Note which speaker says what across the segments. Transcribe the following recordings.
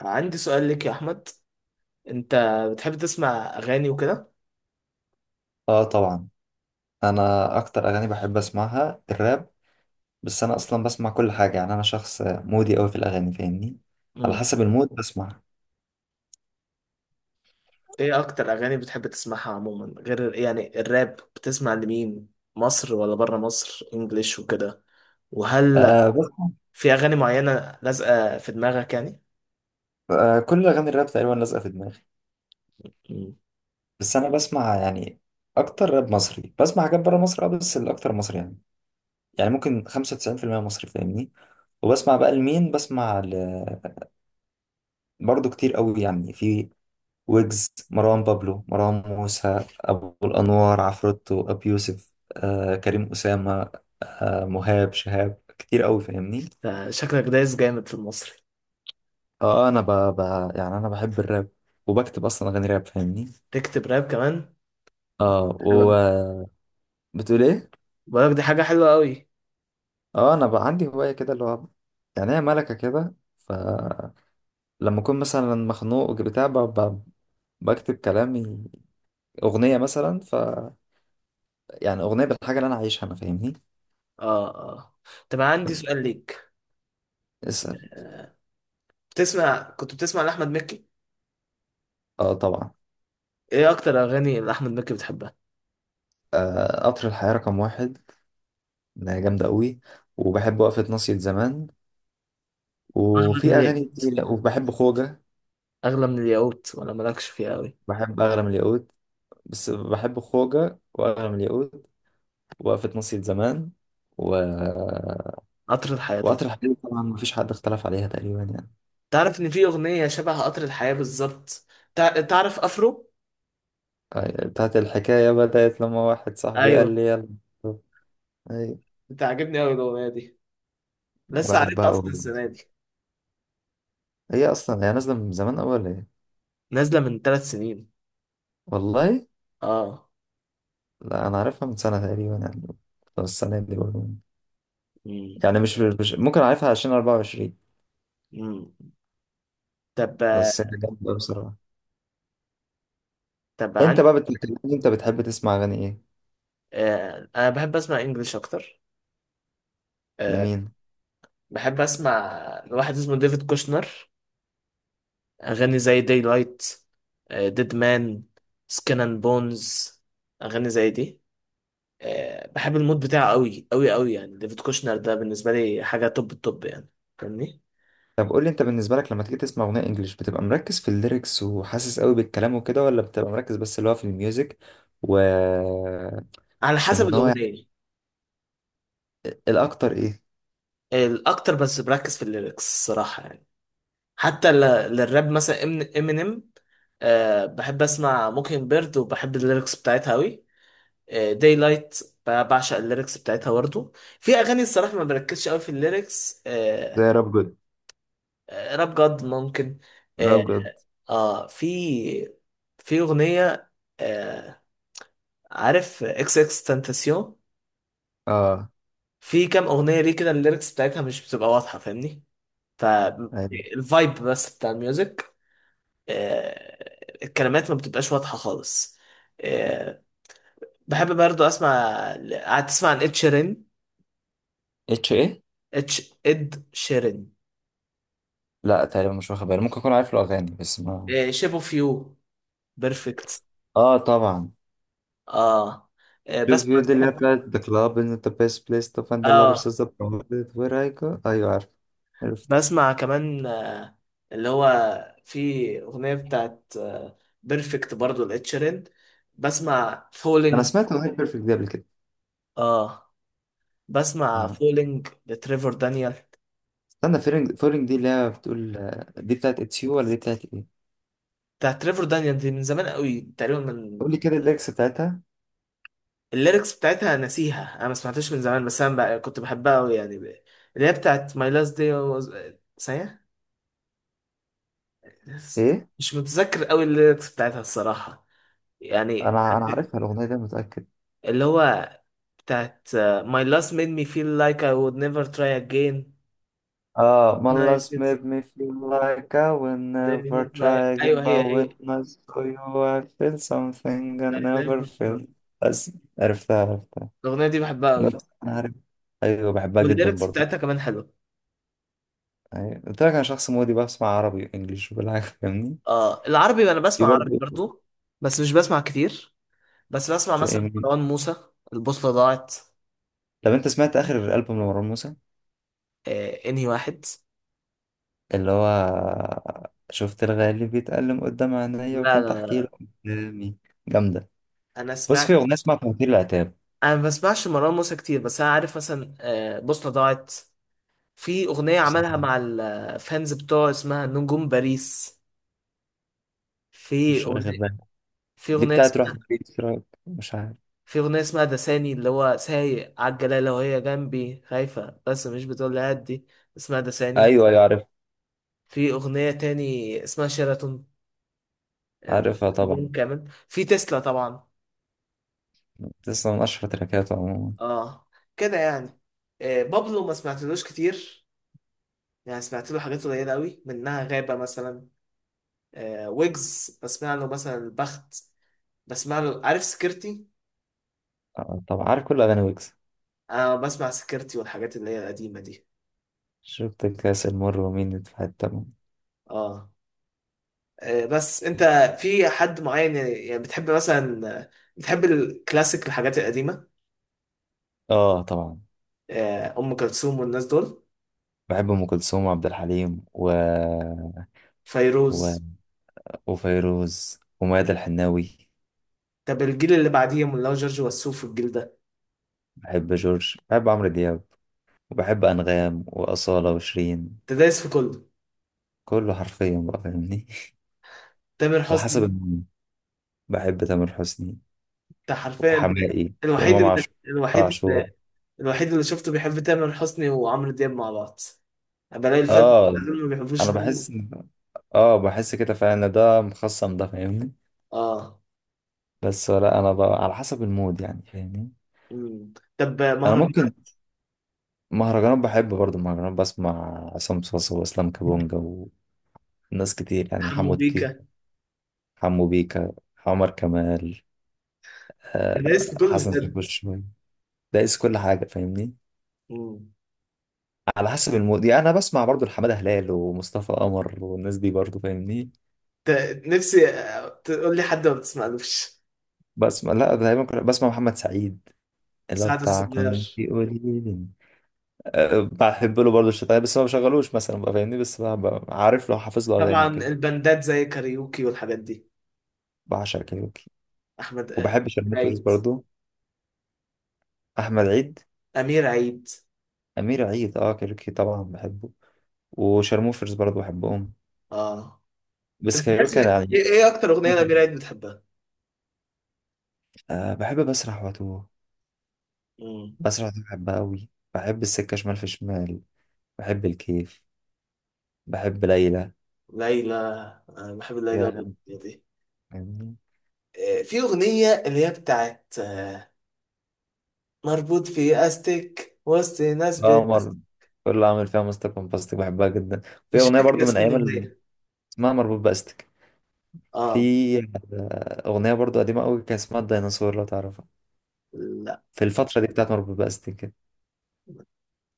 Speaker 1: عندي سؤال ليك يا احمد. انت بتحب تسمع اغاني وكده؟
Speaker 2: اه طبعا. انا اكتر اغاني بحب اسمعها الراب. بس انا اصلا بسمع كل حاجه، يعني انا شخص مودي قوي في الاغاني، فاهمني؟ على
Speaker 1: امم
Speaker 2: حسب المود بسمع.
Speaker 1: ايه اكتر اغاني بتحب تسمعها عموما، غير يعني الراب؟ بتسمع لمين؟ مصر ولا بره مصر، انجليش وكده؟ وهل
Speaker 2: آه بسمع.
Speaker 1: في اغاني معينة لازقة في دماغك يعني؟
Speaker 2: آه كل اغاني الراب تقريبا لازقه في دماغي.
Speaker 1: امم
Speaker 2: بس انا بسمع، يعني اكتر راب مصري بسمع، حاجات بره مصر اه بس الاكتر مصري، يعني يعني ممكن 95% مصري، فاهمني؟ وبسمع بقى لمين؟ بسمع برضه كتير قوي، يعني في ويجز، مروان بابلو، مروان موسى، أبو الأنوار، عفروتو، أبي يوسف، كريم أسامة، مهاب شهاب، كتير أوي فاهمني.
Speaker 1: ده شكلك دايس جامد في المصري.
Speaker 2: اه أنا ب... يعني أنا بحب الراب، وبكتب أصلا أغاني راب فاهمني.
Speaker 1: تكتب راب كمان؟
Speaker 2: اه
Speaker 1: حلو.
Speaker 2: وبتقول إيه؟
Speaker 1: بقولك دي حاجة حلوة قوي.
Speaker 2: اه أنا بقى عندي هواية كده اللي هو، يعني هي ملكة كده. فلما أكون مثلا مخنوق بتاع بكتب كلامي أغنية، مثلا ف يعني أغنية بالحاجة اللي أنا عايشها أنا، فاهمني؟
Speaker 1: اه اه. طب أنا عندي سؤال ليك.
Speaker 2: اسأل.
Speaker 1: آه، بتسمع، كنت بتسمع لاحمد مكي؟
Speaker 2: اه طبعا.
Speaker 1: ايه اكتر اغاني اللي احمد مكي بتحبها؟
Speaker 2: آه، قطر الحياة رقم واحد. إنها جامدة قوي. وبحب وقفة ناصية زمان،
Speaker 1: أحمد
Speaker 2: وفي أغاني
Speaker 1: مكي.
Speaker 2: كتير، وبحب خوجة.
Speaker 1: اغلى من الياقوت، ولا مالكش فيها قوي؟
Speaker 2: بحب أغلى من الياقوت. بس بحب خوجة، وأغلى من الياقوت، وقفة ناصية زمان، و...
Speaker 1: قطر الحياة طب.
Speaker 2: وقطر الحياة طبعا مفيش حد اختلف عليها تقريبا يعني.
Speaker 1: تعرف ان في اغنية شبه قطر الحياة بالظبط؟ تعرف افرو؟
Speaker 2: آه، بتاعت الحكاية بدأت لما واحد صاحبي
Speaker 1: ايوه،
Speaker 2: قال لي يلا. أي
Speaker 1: بتعجبني قوي الاغنية دي، لسه
Speaker 2: بحبها
Speaker 1: عارفها
Speaker 2: أوي.
Speaker 1: اصلا السنة دي.
Speaker 2: هي أصلا هي نازلة من زمان أوي ولا إيه؟
Speaker 1: نازلة من ثلاث سنين.
Speaker 2: والله؟
Speaker 1: اه.
Speaker 2: لا أنا عارفها من سنة تقريبا يعني، أو السنة دي برضه،
Speaker 1: مم.
Speaker 2: يعني مش ممكن اعرفها عشان 24.
Speaker 1: مم. طب،
Speaker 2: بس هي جامدة بصراحة.
Speaker 1: عن،
Speaker 2: انت بقى بتتكلمني، انت بتحب تسمع اغاني ايه؟
Speaker 1: آه. انا بحب اسمع انجلش اكتر. آه.
Speaker 2: لمين؟
Speaker 1: بحب اسمع لواحد اسمه ديفيد كوشنر، اغاني زي داي لايت، ديد مان، سكن اند بونز، اغاني زي دي. آه، بحب المود بتاعه قوي قوي قوي، يعني ديفيد كوشنر ده بالنسبه لي حاجه توب التوب يعني، فاهمني؟
Speaker 2: طب قول لي انت بالنسبة لك لما تيجي تسمع اغنية انجليش، بتبقى مركز في الليركس وحاسس قوي بالكلام وكده، ولا بتبقى مركز بس اللي هو في الميوزك؟ و
Speaker 1: على حسب
Speaker 2: وان هو يعني
Speaker 1: الاغنيه.
Speaker 2: الاكتر ايه؟
Speaker 1: الاكتر بس بركز في الليركس الصراحه يعني. حتى ل- للراب مثلا، امينيم، أه بحب اسمع موكينج بيرد وبحب الليركس بتاعتها قوي. داي لايت بعشق الليركس بتاعتها برضه. في اغاني الصراحه ما بركزش قوي في الليركس،
Speaker 2: زي
Speaker 1: أه.
Speaker 2: راب جود.
Speaker 1: راب جاد ممكن. اه,
Speaker 2: راب جود.
Speaker 1: آه. في اغنيه، آه، عارف اكس اكس تنتاسيون؟
Speaker 2: اه
Speaker 1: في كام اغنيه ليه كده الليركس بتاعتها مش بتبقى واضحه، فاهمني؟ فالفايب بس بتاع الميوزك. آه، الكلمات ما بتبقاش واضحه خالص. آه، بحب برضو اسمع، قاعد تسمع عن اد شيرين؟
Speaker 2: اتش ايه.
Speaker 1: اتش اد شيرين.
Speaker 2: لا تقريبا مش واخد بالي، ممكن اكون عارف له اغاني بس ما.
Speaker 1: شيب اوف يو، بيرفكت.
Speaker 2: اه طبعا.
Speaker 1: اه. آه،
Speaker 2: شوف يو
Speaker 1: بسمع.
Speaker 2: دي اللي هي بتاعت The Club is not the best place to find the lovers
Speaker 1: اه
Speaker 2: is the provided where I go. أيوة عارف. عرفت.
Speaker 1: بسمع كمان. آه، اللي هو في أغنية بتاعت بيرفكت برضو لإتشيرين. بسمع
Speaker 2: أنا
Speaker 1: فولينج.
Speaker 2: سمعت أغنية بيرفكت دي قبل كده.
Speaker 1: اه بسمع
Speaker 2: آه.
Speaker 1: فولينج لتريفر دانيال.
Speaker 2: استنى، فيرنج دي اللي هي بتقول آه، دي بتاعت It's You ولا دي بتاعت إيه؟
Speaker 1: بتاعت تريفر دانيال دي من زمان قوي تقريبا، من.
Speaker 2: قول لي كده الليكس بتاعتها
Speaker 1: الليركس بتاعتها ناسيها، انا ما سمعتهاش من زمان، بس انا بقى كنت بحبها قوي يعني، ب-، اللي هي بتاعت ماي لاست دي was... ثانية.
Speaker 2: إيه؟
Speaker 1: مش متذكر قوي الليركس بتاعتها الصراحة، يعني،
Speaker 2: أنا عارفها الأغنية دي، متأكد.
Speaker 1: اللي هو بتاعت آه، My last made me feel like I would never try again.
Speaker 2: آه My
Speaker 1: Life
Speaker 2: last
Speaker 1: is
Speaker 2: made me feel like I will
Speaker 1: never
Speaker 2: never
Speaker 1: not
Speaker 2: try
Speaker 1: like،
Speaker 2: again
Speaker 1: أيوه هي
Speaker 2: but when
Speaker 1: هي.
Speaker 2: I saw you I feel something I
Speaker 1: Like
Speaker 2: never
Speaker 1: never not.
Speaker 2: felt. بس عرفتها عرفتها.
Speaker 1: الأغنية دي بحبها أوي.
Speaker 2: أنا عارف. أيوة بحبها جدا
Speaker 1: والليركس
Speaker 2: برضه.
Speaker 1: بتاعتها كمان حلوة.
Speaker 2: أيوة. قلت لك انا شخص مودي، بسمع عربي وانجليش وكل حاجه فاهمني.
Speaker 1: آه العربي، أنا
Speaker 2: دي
Speaker 1: بسمع عربي
Speaker 2: برضه.
Speaker 1: برضو، بس مش بسمع كتير. بس بسمع
Speaker 2: زي
Speaker 1: مثلا
Speaker 2: مين؟
Speaker 1: مروان موسى، البوصلة ضاعت.
Speaker 2: طب انت سمعت اخر البوم لمروان موسى
Speaker 1: آه إنهي واحد؟
Speaker 2: اللي هو شفت الغالي بيتألم قدام عينيا
Speaker 1: لا
Speaker 2: وكنت
Speaker 1: لا
Speaker 2: احكي له
Speaker 1: لا.
Speaker 2: قدامي؟ جامده.
Speaker 1: أنا
Speaker 2: بص
Speaker 1: سمعت.
Speaker 2: في اغنيه اسمها فواتير العتاب.
Speaker 1: أنا ما بسمعش مروان موسى كتير، بس أنا عارف مثلا آه بوصلة ضاعت. في أغنية
Speaker 2: بس
Speaker 1: عملها مع الفانز بتوعه اسمها نجوم باريس. في
Speaker 2: مش واخد
Speaker 1: أغنية
Speaker 2: بالي،
Speaker 1: في
Speaker 2: دي
Speaker 1: أغنية
Speaker 2: بتاعت روح
Speaker 1: اسمها
Speaker 2: تبيت في رأيك. مش عارف.
Speaker 1: في أغنية اسمها ده ثاني، اللي هو سايق على الجلالة وهي جنبي خايفة بس مش بتقول لي هدي. اسمها ده ثاني.
Speaker 2: ايوه ايوه عارف.
Speaker 1: في أغنية تاني اسمها شيراتون. آه،
Speaker 2: عارفها طبعا.
Speaker 1: ألبوم كامل في تسلا طبعا.
Speaker 2: لسه من اشهر تراكاته عموما.
Speaker 1: اه كده يعني. آه بابلو ما سمعتلوش كتير، يعني سمعت له حاجات قليلة قوي، منها غابة مثلا. آه ويجز بسمع له مثلا البخت، بسمع له عارف سكرتي.
Speaker 2: آه، طبعا عارف كل اغاني ويجز.
Speaker 1: أنا بسمع سكرتي والحاجات اللي هي القديمة دي.
Speaker 2: شفت الكاس المر ومين في حته.
Speaker 1: اه. آه، بس انت في حد معين يعني، يعني بتحب مثلا آه، بتحب الكلاسيك الحاجات القديمة؟
Speaker 2: اه طبعا.
Speaker 1: آه، ام كلثوم والناس دول.
Speaker 2: بحب ام كلثوم وعبد الحليم و...
Speaker 1: فيروز.
Speaker 2: وفيروز وميادة الحناوي.
Speaker 1: طب الجيل اللي بعديهم، اللي هو جورج وسوف والجيل ده؟
Speaker 2: بحب جورج، بحب عمرو دياب، وبحب انغام واصاله وشيرين.
Speaker 1: انت دايس في كله.
Speaker 2: كله حرفيا بقى فاهمني
Speaker 1: تامر
Speaker 2: على حسب
Speaker 1: حسني.
Speaker 2: المود. بحب تامر حسني
Speaker 1: انت حرفيا
Speaker 2: وحماقي
Speaker 1: الوحيد
Speaker 2: وامام
Speaker 1: اللي
Speaker 2: عاشور
Speaker 1: الوحيد اللي
Speaker 2: عاشور
Speaker 1: الوحيد اللي شفته بيحب تامر حسني وعمرو دياب مع بعض. بلاقي الفن
Speaker 2: اه
Speaker 1: دول ما بيحبوش
Speaker 2: انا
Speaker 1: دول.
Speaker 2: اه بحس كده فعلا ان ده مخصم ده فاهمني.
Speaker 1: اه.
Speaker 2: بس لا انا بقى على حسب المود يعني فاهمني.
Speaker 1: مم. طب
Speaker 2: انا
Speaker 1: مهرجانات؟
Speaker 2: ممكن مهرجانات، بحب برضو مهرجانات، بسمع عصام صاصا واسلام كابونجا، ناس كتير يعني
Speaker 1: حمو
Speaker 2: حمو الطيخ،
Speaker 1: بيكا.
Speaker 2: حمو بيكا، عمر كمال،
Speaker 1: انت دايس في
Speaker 2: آه،
Speaker 1: كله
Speaker 2: حسن
Speaker 1: بجد.
Speaker 2: شاكوش شوية. دايس كل حاجة فاهمني.
Speaker 1: مم.
Speaker 2: على حسب المود يعني. أنا بسمع برضو لحمادة هلال ومصطفى قمر والناس دي برضو فاهمني.
Speaker 1: ت- نفسي آه، تقول لي حد ما بتسمعلوش.
Speaker 2: بسمع لا، دايما كنت بسمع محمد سعيد اللي هو
Speaker 1: سعد
Speaker 2: بتاع كنت
Speaker 1: الصغير.
Speaker 2: قليل. أه بحب له برضو الشتايم، بس ما بشغلوش مثلا بقى فاهمني، بس بقى عارف لو حافظ له أغاني
Speaker 1: طبعا
Speaker 2: وكده.
Speaker 1: البندات، زي كاريوكي والحاجات دي.
Speaker 2: بعشق كايروكي
Speaker 1: احمد آه،
Speaker 2: وبحب
Speaker 1: أمير
Speaker 2: شرموفرز
Speaker 1: عيد.
Speaker 2: برضو. أحمد عيد.
Speaker 1: امير عيد.
Speaker 2: أمير عيد. أه كايروكي طبعا بحبه، وشرموفرز برضو بحبهم.
Speaker 1: اه.
Speaker 2: بس
Speaker 1: انت بتحس
Speaker 2: كايروكا أنا
Speaker 1: ايه،
Speaker 2: يعني.
Speaker 1: إيه اكتر اغنيه لامير عيد بتحبها؟
Speaker 2: أه بحب بسرح واتوه.
Speaker 1: مم.
Speaker 2: بسرح واتوه بحبها أوي. بحب السكة شمال في شمال، بحب الكيف، بحب ليلى،
Speaker 1: ليلى. انا بحب ليلى
Speaker 2: يا
Speaker 1: الأغنية
Speaker 2: غني.
Speaker 1: دي.
Speaker 2: فاهمني؟
Speaker 1: آه، في اغنيه اللي هي بتاعت آه، مربوط في استك وسط ناس
Speaker 2: قمر. كل اللي عامل فيها مستك ومبستك، بحبها جدا. في
Speaker 1: مش
Speaker 2: أغنية
Speaker 1: فاكر
Speaker 2: برضو من
Speaker 1: اسم
Speaker 2: أيام
Speaker 1: الاغنيه.
Speaker 2: اسمها مربوط بأستك.
Speaker 1: اه.
Speaker 2: في أغنية برضو قديمة أوي كان اسمها الديناصور لو تعرفها.
Speaker 1: لا،
Speaker 2: في الفترة دي بتاعت مربوط بأستك كده.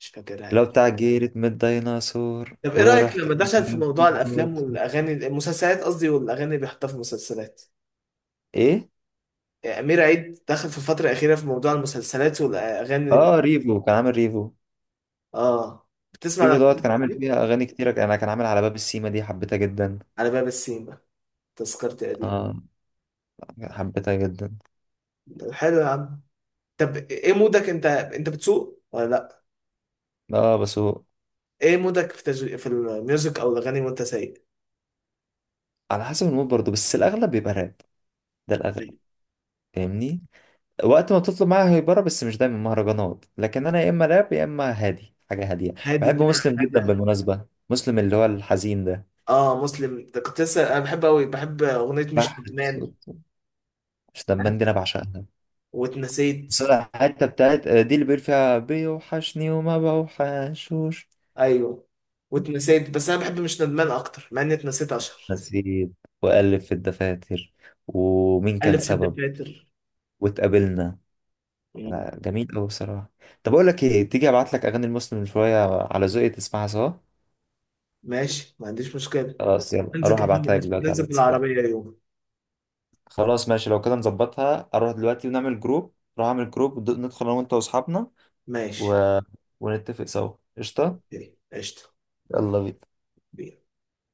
Speaker 1: مش
Speaker 2: لو
Speaker 1: فاكرها.
Speaker 2: بتاع جيرت من الديناصور
Speaker 1: طب ايه رأيك
Speaker 2: ورحت.
Speaker 1: لما دخل في موضوع الافلام والاغاني، المسلسلات قصدي، والاغاني اللي بيحطها في المسلسلات؟
Speaker 2: إيه؟
Speaker 1: يعني امير عيد دخل في الفترة الأخيرة في موضوع المسلسلات والاغاني اللي.
Speaker 2: اه ريفو كان عامل ريفو
Speaker 1: اه بتسمع
Speaker 2: ريفو دوت،
Speaker 1: الاغاني
Speaker 2: كان عامل
Speaker 1: دي؟
Speaker 2: فيها اغاني كتيره انا، كان عامل على باب السيما دي حبيتها جدا.
Speaker 1: على باب السيما، تذكرتي قديم.
Speaker 2: اه حبيتها جدا.
Speaker 1: طب حلو يا عم. طب ايه مودك انت، انت بتسوق ولا لا؟
Speaker 2: اه بس هو
Speaker 1: ايه مودك في في الميوزك او الاغاني وانت سايق؟
Speaker 2: على حسب المود برضه، بس الاغلب بيبقى راب. ده الاغلب. فاهمني. وقت ما تطلب معايا هيبره، بس مش دايما مهرجانات، لكن انا يا اما راب يا اما هادي، حاجه هاديه.
Speaker 1: هادي
Speaker 2: بحب
Speaker 1: بقى؟
Speaker 2: مسلم جدا
Speaker 1: هادي.
Speaker 2: بالمناسبه، مسلم اللي هو الحزين ده.
Speaker 1: اه مسلم ده كنت لسه انا بحب قوي، بحب اغنية مش
Speaker 2: بحر
Speaker 1: ندمان،
Speaker 2: صوته. مش دمان دي انا بعشقها.
Speaker 1: واتنسيت.
Speaker 2: بس أنا الحته بتاعت آه، دي اللي بيقول فيها بيوحشني وما بوحشوش.
Speaker 1: ايوه واتنسيت، بس انا بحب مش ندمان اكتر، مع اني اتنسيت اشهر.
Speaker 2: نسيب، وألف في الدفاتر، ومين كان
Speaker 1: قلب في
Speaker 2: سبب،
Speaker 1: الدفاتر.
Speaker 2: واتقابلنا.
Speaker 1: مم.
Speaker 2: لا جميل أوي بصراحة. طب أقول لك إيه، تيجي أبعت لك أغاني المسلم شوية على ذوقي تسمعها سوا.
Speaker 1: ماشي، ما عنديش مشكله.
Speaker 2: خلاص، يلا أروح أبعتها لك دلوقتي على
Speaker 1: ننزل
Speaker 2: الواتساب.
Speaker 1: بالعربيه يوم.
Speaker 2: خلاص ماشي، لو كده نظبطها، أروح دلوقتي ونعمل جروب، أروح أعمل جروب، ندخل أنا وأنت وأصحابنا
Speaker 1: ماشي.
Speaker 2: و... ونتفق سوا، قشطة.
Speaker 1: اوكي. قشطه.
Speaker 2: يلا بينا
Speaker 1: بينا.